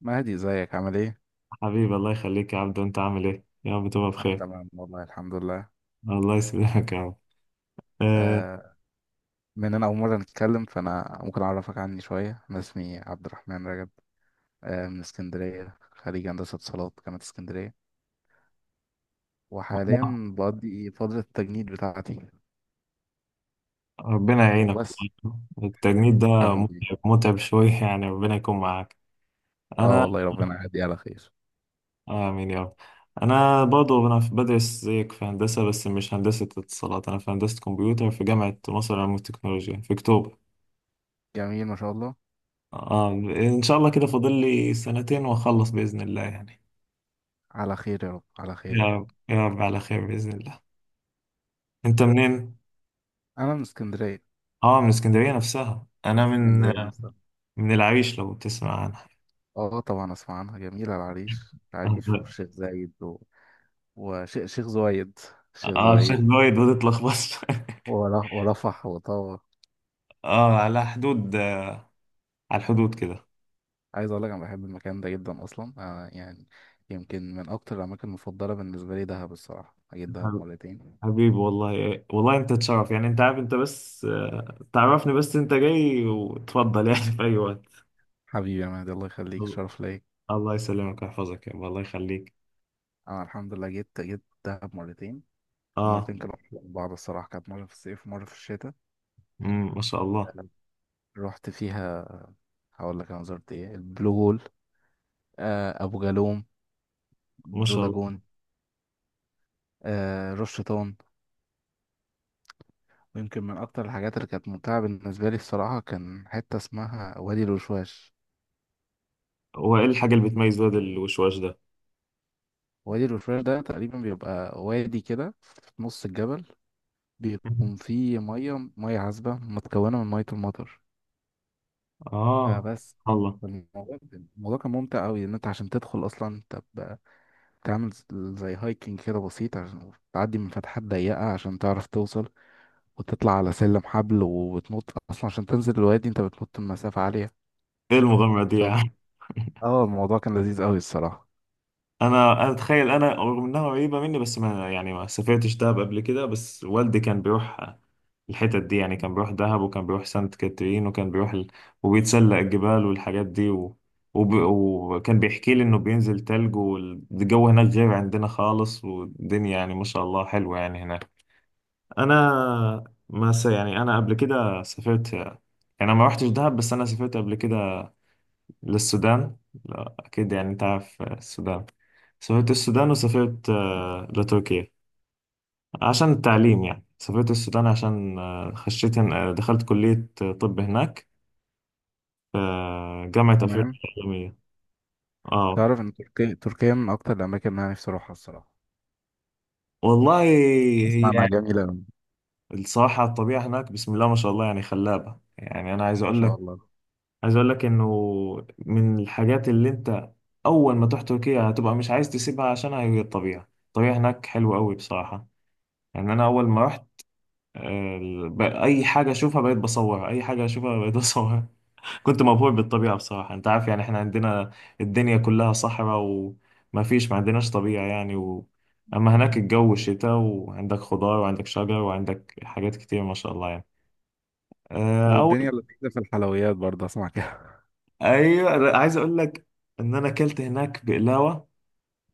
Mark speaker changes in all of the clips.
Speaker 1: مهدي، ازيك عامل ايه؟
Speaker 2: حبيبي الله يخليك يا عبدو، انت عامل ايه؟ يا رب تبقى
Speaker 1: آه،
Speaker 2: بخير.
Speaker 1: تمام والله الحمد لله.
Speaker 2: الله يسلمك يا رب. آه،
Speaker 1: آه، من انا اول مرة نتكلم فانا ممكن اعرفك عني شوية. انا اسمي عبد الرحمن رجب، آه، من اسكندرية، خريج هندسة اتصالات جامعة اسكندرية،
Speaker 2: والله
Speaker 1: وحاليا بقضي فترة التجنيد بتاعتي
Speaker 2: ربنا يعينك،
Speaker 1: وبس.
Speaker 2: والله التجنيد ده
Speaker 1: حبيبي،
Speaker 2: متعب متعب شوية يعني ربنا يكون معاك.
Speaker 1: اه
Speaker 2: انا
Speaker 1: والله ربنا يعدي على خير.
Speaker 2: امين يا رب. انا برضه انا في- بدرس زيك في هندسة، بس مش هندسة اتصالات، انا في هندسة كمبيوتر في جامعة مصر للعلوم والتكنولوجيا في اكتوبر.
Speaker 1: جميل ما شاء الله.
Speaker 2: آه ان شاء الله كده فاضل لي سنتين واخلص باذن الله يعني.
Speaker 1: على خير يا رب، على خير يا
Speaker 2: يا
Speaker 1: رب.
Speaker 2: رب يا رب على خير باذن الله. انت منين؟
Speaker 1: انا من اسكندرية،
Speaker 2: اه من اسكندرية نفسها.
Speaker 1: من
Speaker 2: انا من
Speaker 1: اسكندرية نفسها.
Speaker 2: من العريش، لو تسمع عنها.
Speaker 1: اه طبعا اسمع عنها، جميلة العريش، العريش والشيخ زايد وشيخ زويد، الشيخ
Speaker 2: اه
Speaker 1: زويد،
Speaker 2: عشان وايد ما تتلخبطش
Speaker 1: ورفح وطابة.
Speaker 2: اه على حدود، على الحدود كده.
Speaker 1: عايز اقول لك انا بحب المكان ده جدا، اصلا أنا يعني يمكن من اكتر الاماكن المفضله بالنسبه لي دهب الصراحه. جيت دهب مرتين.
Speaker 2: حبيبي والله والله انت تشرف يعني، انت عارف، انت بس تعرفني بس، انت جاي وتفضل يعني في اي وقت.
Speaker 1: حبيبي يا مهدي، الله يخليك، شرف ليا.
Speaker 2: الله يسلمك ويحفظك يا رب، الله يخليك.
Speaker 1: انا الحمد لله جيت دهب مرتين،
Speaker 2: اه.
Speaker 1: ومرتين كانوا أحلى من بعض الصراحه. كانت مره في الصيف ومره في الشتاء.
Speaker 2: مم، ما شاء الله.
Speaker 1: أنا رحت فيها، هقول لك انا زرت ايه، البلو هول، آه ابو جالوم،
Speaker 2: ما
Speaker 1: بلو
Speaker 2: شاء الله.
Speaker 1: لاجون، آه رش شيطان. ويمكن من اكتر الحاجات اللي كانت ممتعه بالنسبه لي الصراحه كان حته اسمها وادي الوشواش.
Speaker 2: هو ايه الحاجة اللي بتميز واد الوشواش ده؟
Speaker 1: وادي الوشواش ده تقريبا بيبقى وادي كده في نص الجبل، بيكون فيه مية، مية عذبة متكونة من مية المطر. آه،
Speaker 2: اه.
Speaker 1: بس
Speaker 2: الله.
Speaker 1: الموضوع الموضوع كان ممتع أوي. إن أنت عشان تدخل أصلا أنت بتعمل ز- زي هايكنج كده بسيط، عشان تعدي من فتحات ضيقة عشان تعرف توصل، وتطلع على سلم حبل وتنط. أصلا عشان تنزل الوادي أنت بتنط من مسافة عالية.
Speaker 2: ايه المغامرة دي
Speaker 1: ف...
Speaker 2: يا عم؟
Speaker 1: اه الموضوع كان لذيذ أوي الصراحة.
Speaker 2: انا اتخيل، انا رغم انها قريبه مني، بس ما سافرتش دهب قبل كده، بس والدي كان بيروح الحتت دي، يعني كان بيروح دهب، وكان بيروح سانت كاترين، وكان بيروح وبيتسلق الجبال والحاجات دي وكان بيحكي لي انه بينزل تلج، والجو هناك غير عندنا خالص، والدنيا يعني ما شاء الله حلوه يعني هناك. انا انا قبل كده سافرت يعني، انا ما رحتش دهب، بس انا سافرت قبل كده للسودان. لا أكيد يعني أنت عارف، السودان. سافرت السودان وسافرت لتركيا عشان التعليم يعني. سافرت السودان عشان آه، خشيت هن... آه، دخلت كلية طب هناك في جامعة أفريقيا
Speaker 1: تمام.
Speaker 2: العالمية. اه.
Speaker 1: تعرف إن تركيا من أكتر الأماكن اللي أنا نفسي أروحها الصراحة؟
Speaker 2: والله
Speaker 1: أسمع إنها
Speaker 2: هي
Speaker 1: جميلة أوي،
Speaker 2: الصراحة الطبيعة هناك بسم الله ما شاء الله يعني خلابة، يعني أنا عايز
Speaker 1: ما
Speaker 2: أقول
Speaker 1: شاء
Speaker 2: لك،
Speaker 1: الله.
Speaker 2: عايز أقول لك إنه من الحاجات اللي أنت أول ما تروح تركيا هتبقى مش عايز تسيبها، عشان هي الطبيعة، الطبيعة هناك حلوة أوي بصراحة. يعني أنا أول ما رحت، آه، اي حاجه اشوفها بقيت بصورها، اي حاجه اشوفها بقيت بصورها كنت مبهور بالطبيعه بصراحه، انت عارف يعني احنا عندنا الدنيا كلها صحراء، وما فيش ما عندناش طبيعه يعني اما هناك الجو شتاء، وعندك خضار، وعندك شجر، وعندك حاجات كتير ما شاء الله يعني. آه، اول
Speaker 1: والدنيا لذيذة في الحلويات برضه، اسمع كده.
Speaker 2: ايوه أنا عايز اقول لك ان انا اكلت هناك بقلاوه.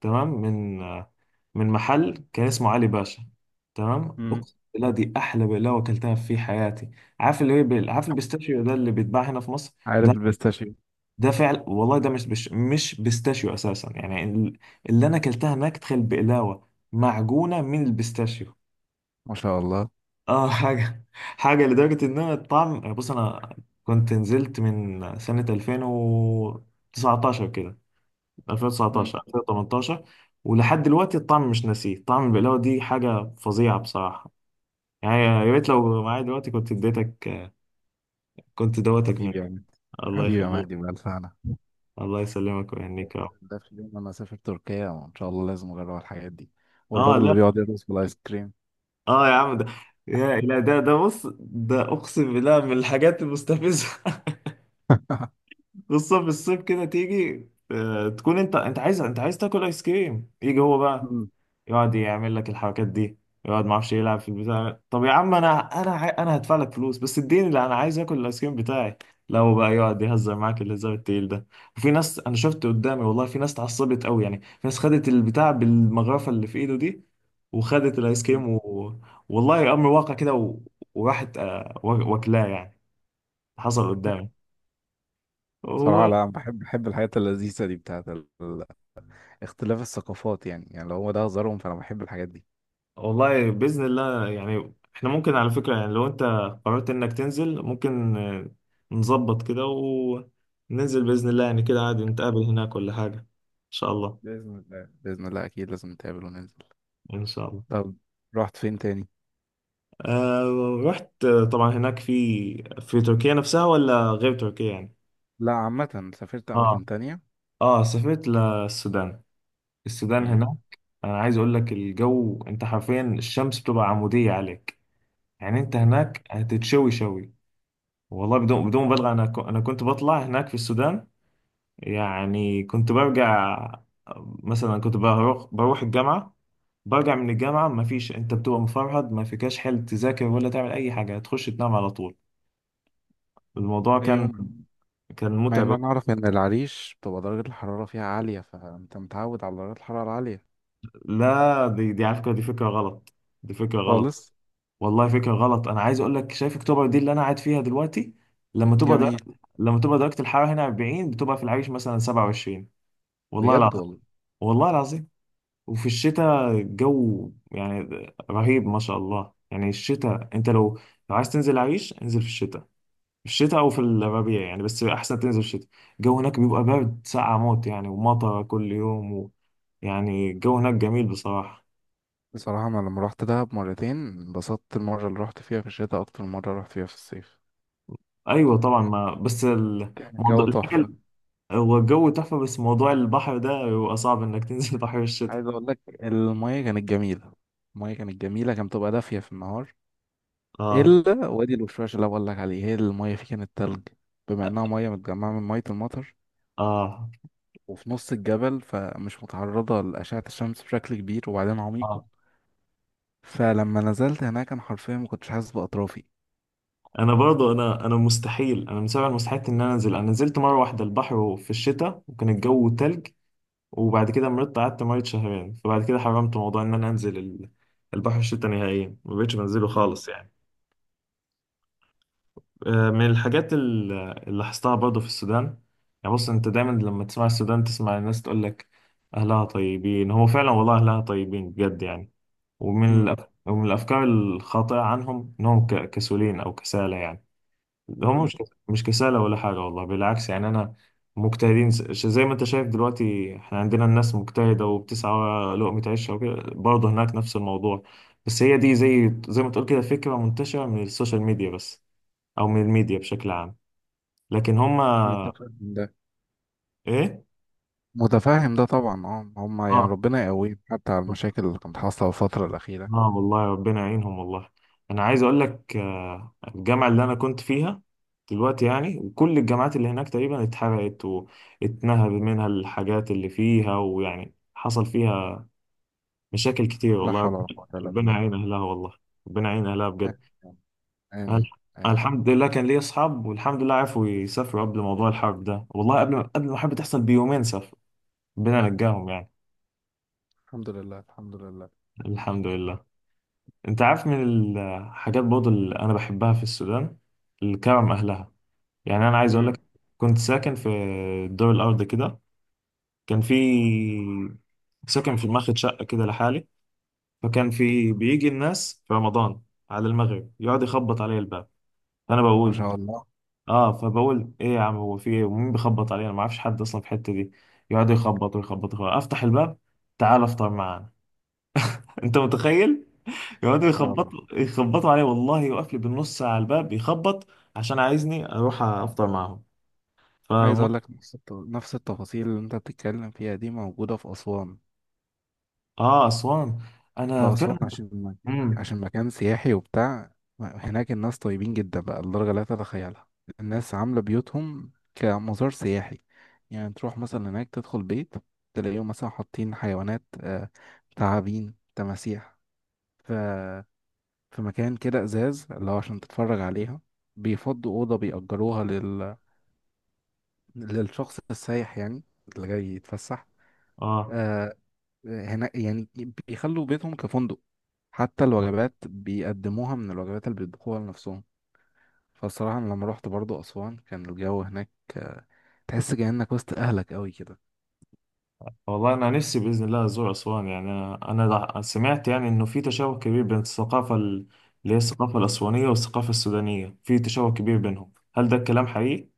Speaker 2: تمام، من من محل كان اسمه علي باشا. تمام،
Speaker 1: امم.
Speaker 2: اقسم بالله دي احلى بقلاوه اكلتها في حياتي. عارف اللي هي عارف البيستاشيو ده اللي بيتباع هنا في مصر؟
Speaker 1: عارف
Speaker 2: ده
Speaker 1: البيستاشيو.
Speaker 2: ده فعل والله، ده مش بيستاشيو اساسا يعني اللي انا اكلتها هناك، تخيل بقلاوه معجونه من البيستاشيو
Speaker 1: ما شاء الله.
Speaker 2: اه حاجه حاجه لدرجه ان انا الطعم، بص انا كنت نزلت من سنه 2019 كده، 2019
Speaker 1: امم.
Speaker 2: 2018، ولحد دلوقتي الطعم مش ناسيه، طعم البقلاوة دي حاجة فظيعة بصراحة. يعني يا ريت لو معايا دلوقتي كنت اديتك، كنت دوتك منها.
Speaker 1: حبيبي يا مهدي،
Speaker 2: الله
Speaker 1: حبيبي يا
Speaker 2: يخليك.
Speaker 1: مهدي، بألف هنا.
Speaker 2: الله يسلمك ويهنيك يا رب.
Speaker 1: ده في يوم انا اسافر تركيا وان شاء الله لازم اجرب الحاجات دي.
Speaker 2: اه
Speaker 1: والراجل اللي
Speaker 2: لا.
Speaker 1: بيقعد يدرس في الايس كريم.
Speaker 2: اه يا عم ده، يا لا ده بص، ده اقسم بالله من الحاجات المستفزه خصوصا في الصيف كده، تيجي تكون انت عايز تاكل ايس كريم، يجي هو بقى
Speaker 1: امم.
Speaker 2: يقعد يعمل لك الحركات دي، يقعد معرفش يلعب في البتاع. طب يا عم انا هدفع لك فلوس، بس اديني اللي انا عايز، اكل الايس كريم بتاعي. لو بقى يقعد يهزر معاك الهزار التقيل ده. وفي ناس انا شفت قدامي والله، في ناس اتعصبت قوي يعني، في ناس خدت البتاع بالمغرفه اللي في ايده دي، وخدت الايس كريم والله امر واقع كده وراحت واكلاه يعني. حصل قدامي.
Speaker 1: صراحة لا، أنا بحب الحاجات اللذيذة دي بتاعت اختلاف الثقافات. يعني يعني لو هو ده هزارهم فأنا بحب الحاجات دي.
Speaker 2: والله بإذن الله يعني احنا ممكن على فكرة، يعني لو انت قررت انك تنزل، ممكن نظبط كده وننزل بإذن الله يعني، كده عادي، نتقابل هناك ولا حاجة ان شاء الله.
Speaker 1: بإذن الله، بإذن الله، أكيد لازم نتقابل وننزل.
Speaker 2: ان شاء الله.
Speaker 1: طب رحت فين تاني؟
Speaker 2: آه رحت طبعا هناك في في تركيا نفسها ولا غير تركيا يعني؟
Speaker 1: لا، عامة سافرت
Speaker 2: اه.
Speaker 1: أماكن تانية.
Speaker 2: اه سافرت للسودان. السودان
Speaker 1: مم.
Speaker 2: هناك، انا عايز اقول لك الجو، انت حرفيا الشمس بتبقى عمودية عليك، يعني انت
Speaker 1: مم.
Speaker 2: هناك هتتشوي شوي. والله بدون بدون مبالغة، أنا كنت بطلع هناك في السودان يعني، كنت برجع، مثلا كنت بروح، بروح الجامعة، برجع من الجامعة، ما فيش، أنت بتبقى مفرهد، ما فيكاش حل تذاكر ولا تعمل أي حاجة، تخش تنام على طول. الموضوع كان
Speaker 1: ايوه.
Speaker 2: كان
Speaker 1: مع ان
Speaker 2: متعب.
Speaker 1: انا اعرف ان العريش بتبقى درجة الحرارة فيها عالية، فانت متعود على درجات الحرارة العالية.
Speaker 2: لا دي دي على فكرة دي فكرة غلط، دي فكرة غلط،
Speaker 1: خالص.
Speaker 2: والله فكرة غلط. أنا عايز أقول لك، شايف أكتوبر دي اللي أنا قاعد فيها دلوقتي؟ لما تبقى در...
Speaker 1: جميل.
Speaker 2: لما تبقى درجة الحرارة هنا 40، بتبقى في العريش مثلا 27، والله
Speaker 1: بجد
Speaker 2: العظيم،
Speaker 1: والله.
Speaker 2: والله العظيم. وفي الشتاء الجو يعني رهيب ما شاء الله يعني. الشتاء انت لو، لو عايز تنزل عيش، انزل في الشتاء، في الشتاء او في الربيع يعني، بس احسن تنزل في الشتاء. الجو هناك بيبقى برد ساقع موت يعني، ومطر كل يوم يعني الجو هناك جميل بصراحة.
Speaker 1: بصراحة انا لما رحت دهب مرتين انبسطت المرة اللي رحت فيها في الشتاء اكتر من مرة رحت فيها في الصيف.
Speaker 2: ايوه طبعا، ما بس
Speaker 1: كان
Speaker 2: الموضوع
Speaker 1: الجو
Speaker 2: الحاجة،
Speaker 1: تحفة.
Speaker 2: هو الجو تحفة، بس موضوع البحر ده بيبقى صعب انك تنزل البحر في الشتاء.
Speaker 1: عايز اقول لك المية كانت جميلة. المية كانت جميلة، كانت بتبقى دافية في النهار.
Speaker 2: اه.
Speaker 1: الا وادي الوشواش اللي أنا بقول لك عليه، هي المية فيه كانت تلج، بما انها مية متجمعة من مية المطر،
Speaker 2: اه.
Speaker 1: وفي نص الجبل فمش متعرضة لأشعة الشمس بشكل كبير، وبعدين عميقة.
Speaker 2: اه
Speaker 1: فلما نزلت هناك أنا حرفيا ما كنتش حاسس بأطرافي.
Speaker 2: انا برضو انا مستحيل، انا من سبع المستحيلات ان انا انزل. انا نزلت مره واحده البحر في الشتاء، وكان الجو تلج، وبعد كده مرضت، قعدت مريض شهرين، فبعد كده حرمت موضوع ان انا انزل البحر الشتاء نهائيا، ما بقتش بنزله
Speaker 1: مم.
Speaker 2: خالص يعني. من الحاجات اللي لاحظتها برضو في السودان، يعني بص انت دايما لما تسمع السودان، تسمع الناس تقول لك اهلها طيبين. هو فعلا والله اهلها طيبين بجد يعني.
Speaker 1: مم.
Speaker 2: ومن الافكار الخاطئه عنهم انهم كسولين او كسالى يعني. هم
Speaker 1: مم.
Speaker 2: مش، مش كسالة ولا حاجة، والله بالعكس يعني. أنا مجتهدين زي ما أنت شايف دلوقتي، إحنا عندنا الناس مجتهدة وبتسعى لقمة عيشها، وكده برضه هناك نفس الموضوع. بس هي دي زي زي ما تقول كده فكرة منتشرة من السوشيال ميديا بس، أو من الميديا بشكل عام، لكن هم.
Speaker 1: متفهم ده.
Speaker 2: إيه؟
Speaker 1: متفاهم ده طبعا. اه هما يعني
Speaker 2: آه.
Speaker 1: ربنا يقويهم حتى على المشاكل اللي كانت حاصلة في الفترة الأخيرة.
Speaker 2: اه والله ربنا يعينهم والله. انا عايز اقول لك الجامعه اللي انا كنت فيها دلوقتي يعني، وكل الجامعات اللي هناك تقريبا اتحرقت، واتنهب منها الحاجات اللي فيها، ويعني حصل فيها مشاكل كتير،
Speaker 1: لا
Speaker 2: والله
Speaker 1: حول
Speaker 2: ربنا،
Speaker 1: ولا قوة إلا
Speaker 2: ربنا
Speaker 1: بالله.
Speaker 2: يعين اهلها والله، ربنا يعين اهلها بجد.
Speaker 1: آمين،
Speaker 2: أنا
Speaker 1: آمين،
Speaker 2: الح- أنا
Speaker 1: آمين.
Speaker 2: الحمد لله كان لي اصحاب، والحمد لله عرفوا يسافروا قبل موضوع الحرب ده، والله قبل ما الحرب تحصل بيومين سافروا، ربنا نجاهم يعني.
Speaker 1: الحمد لله، الحمد لله.
Speaker 2: الحمد لله. انت عارف من الحاجات برضه اللي انا بحبها في السودان؟ الكرم، اهلها، يعني انا عايز اقول
Speaker 1: مم.
Speaker 2: لك، كنت ساكن في الدور الارضي كده، كان في ساكن في، ماخد شقه كده لحالي، فكان في بيجي الناس في رمضان على المغرب يقعد يخبط علي الباب. فانا
Speaker 1: ما
Speaker 2: بقول،
Speaker 1: شاء الله،
Speaker 2: اه، فبقول ايه يا عم، هو في ايه؟ ومين بيخبط علي؟ انا ما اعرفش حد اصلا في الحته دي. يقعد يخبط ويخبط ويخبط. افتح الباب، تعال افطر معانا. انت متخيل؟ يقعدوا
Speaker 1: ما شاء الله.
Speaker 2: يخبطوا يخبطوا عليه والله، يوقف لي بالنص ساعه على الباب يخبط عشان عايزني اروح افطر معاهم.
Speaker 1: عايز
Speaker 2: فم...
Speaker 1: أقول لك نفس التفاصيل اللي أنت بتتكلم فيها دي موجودة في أسوان.
Speaker 2: اه اسوان. انا
Speaker 1: فأسوان
Speaker 2: فعلا.
Speaker 1: عشان
Speaker 2: مم.
Speaker 1: مكان سياحي وبتاع، هناك الناس طيبين جدا بقى لدرجة لا تتخيلها. الناس عاملة بيوتهم كمزار سياحي. يعني تروح مثلا هناك تدخل بيت، تلاقيهم مثلا حاطين حيوانات، آه، تعابين، تماسيح، ف... في مكان كده ازاز اللي هو عشان تتفرج عليها. بيفضوا أوضة بيأجروها للشخص السايح يعني، اللي جاي يتفسح.
Speaker 2: اه.
Speaker 1: آه، هنا يعني بيخلوا بيتهم كفندق، حتى
Speaker 2: آه.
Speaker 1: الوجبات بيقدموها من الوجبات اللي بيطبخوها لنفسهم. فالصراحة أنا لما روحت برضو أسوان كان الجو هناك، آه، تحس كأنك وسط أهلك أوي كده.
Speaker 2: والله انا نفسي باذن الله ازور اسوان يعني، سمعت يعني انه في تشابه كبير بين الثقافه اللي هي الثقافه الاسوانيه والثقافه السودانيه، في تشابه كبير بينهم، هل ده الكلام حقيقي؟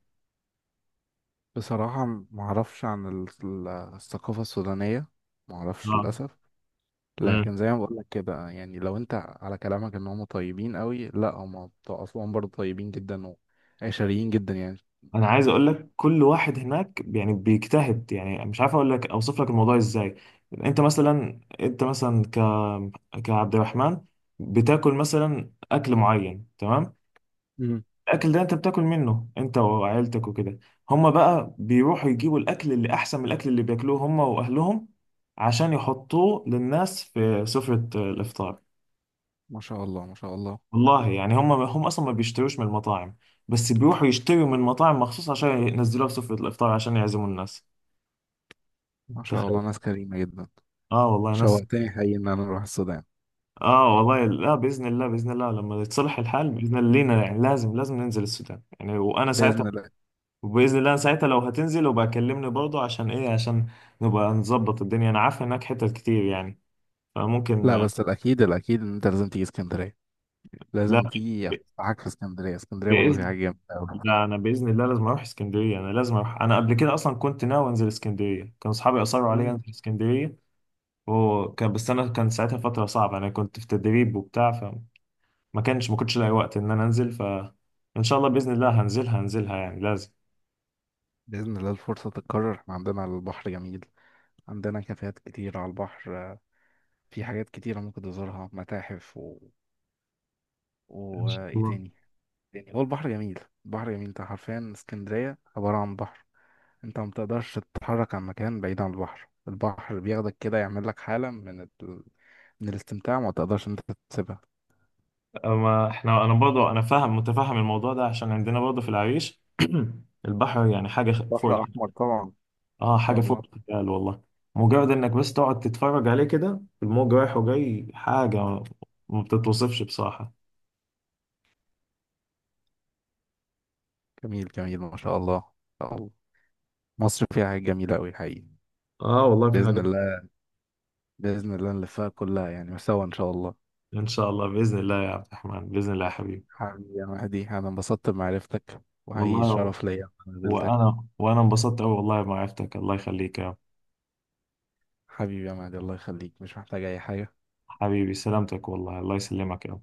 Speaker 1: بصراحة معرفش عن الثقافة السودانية، معرفش
Speaker 2: اه.
Speaker 1: للأسف. لكن زي ما بقولك كده، يعني لو أنت على كلامك إن هم طيبين أوي، لأ هم بتوع أسوان برضو طيبين جدا وعشريين جدا يعني.
Speaker 2: انا عايز اقول لك كل واحد هناك يعني بيجتهد يعني، مش عارف اقول لك اوصف لك الموضوع ازاي. انت مثلا كعبد الرحمن بتاكل مثلا اكل معين، تمام؟
Speaker 1: مم.
Speaker 2: الاكل ده انت بتاكل منه انت وعائلتك وكده، هما بقى بيروحوا يجيبوا الاكل اللي احسن من الاكل اللي بياكلوه هما واهلهم، عشان يحطوه للناس في سفرة الافطار.
Speaker 1: ما شاء الله، ما شاء الله.
Speaker 2: والله يعني هم، هم اصلا ما بيشتروش من المطاعم، بس بيروحوا يشتروا من مطاعم مخصوص عشان ينزلوها في سفرة الافطار، عشان يعزموا الناس.
Speaker 1: ما شاء
Speaker 2: تخيل.
Speaker 1: الله ناس كريمة جدا.
Speaker 2: اه والله ناس.
Speaker 1: شوقتني حقيقي ان انا اروح السودان.
Speaker 2: اه والله، لا باذن الله، باذن الله لما يتصلح الحال باذن الله لينا يعني، لازم لازم ننزل السودان يعني، وانا ساعتها،
Speaker 1: باذن الله.
Speaker 2: وباذن الله ساعتها لو هتنزل، وبقى كلمني برضه عشان ايه، عشان نبقى نظبط الدنيا، انا عارف هناك حتت كتير يعني، فممكن
Speaker 1: لا بس الاكيد، الاكيد ان انت لازم تيجي اسكندريه.
Speaker 2: لا
Speaker 1: لازم تيجي
Speaker 2: ب-
Speaker 1: افسحك في اسكندريه، اسكندريه برضه فيها
Speaker 2: باذن
Speaker 1: حاجه جامده قوي.
Speaker 2: لا انا باذن الله لازم اروح اسكندريه، انا لازم اروح. انا قبل كده اصلا كنت ناوي انزل اسكندريه، كان اصحابي اصروا عليا
Speaker 1: مم.
Speaker 2: انزل اسكندريه، وكان بس انا كان ساعتها فتره صعبه، انا كنت في تدريب وبتاع، ما كنتش لاقي وقت ان انا انزل. ف ان شاء الله باذن الله هنزلها، هنزلها يعني لازم
Speaker 1: باذن الله الفرصه تتكرر. احنا عندنا على البحر جميل، عندنا كافيهات كتير على البحر، في حاجات كتيره ممكن تزورها، متاحف
Speaker 2: ان شاء
Speaker 1: وايه
Speaker 2: الله.
Speaker 1: تاني، تاني هو البحر جميل. البحر جميل، انت حرفيا اسكندريه عباره عن بحر. انت ما بتقدرش تتحرك عن مكان بعيد عن البحر، البحر بياخدك كده، يعمل لك حاله من من الاستمتاع ما تقدرش انت تسيبها.
Speaker 2: اما احنا، انا برضه انا فاهم متفهم الموضوع ده، عشان عندنا برضه في العريش البحر يعني حاجه فوق
Speaker 1: بحر
Speaker 2: الخيال.
Speaker 1: أحمر طبعا إن
Speaker 2: اه حاجه
Speaker 1: شاء
Speaker 2: فوق
Speaker 1: الله.
Speaker 2: الخيال والله، مجرد انك بس تقعد تتفرج عليه كده الموج رايح وجاي، حاجه ما بتتوصفش بصراحه.
Speaker 1: جميل، جميل، ما شاء الله. الله. مصر فيها حاجات جميلة أوي حقيقي.
Speaker 2: اه والله في
Speaker 1: بإذن
Speaker 2: حاجه.
Speaker 1: الله، بإذن الله نلفها كلها يعني سوا إن شاء الله.
Speaker 2: ان شاء الله باذن الله يا عبد الرحمن، باذن الله يا حبيبي.
Speaker 1: حبيبي يا مهدي، أنا انبسطت بمعرفتك، وحقيقي
Speaker 2: والله،
Speaker 1: شرف ليا إن أنا قابلتك.
Speaker 2: وانا انبسطت قوي والله بمعرفتك، الله يخليك يا
Speaker 1: حبيبي يا مهدي، الله يخليك، مش محتاج أي حاجة.
Speaker 2: حبيبي. سلامتك والله، الله يسلمك يا رب،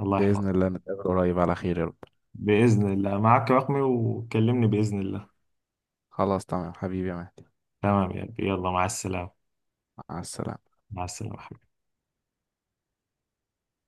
Speaker 2: الله يحفظك.
Speaker 1: بإذن الله نتقابل قريب على خير يا رب.
Speaker 2: بإذن الله معك رقمي، وكلمني بإذن الله.
Speaker 1: خلاص تمام حبيبي يا مهدي،
Speaker 2: تمام يا ربي، يلا مع السلامة.
Speaker 1: مع السلامة.
Speaker 2: مع السلامة حبيبي.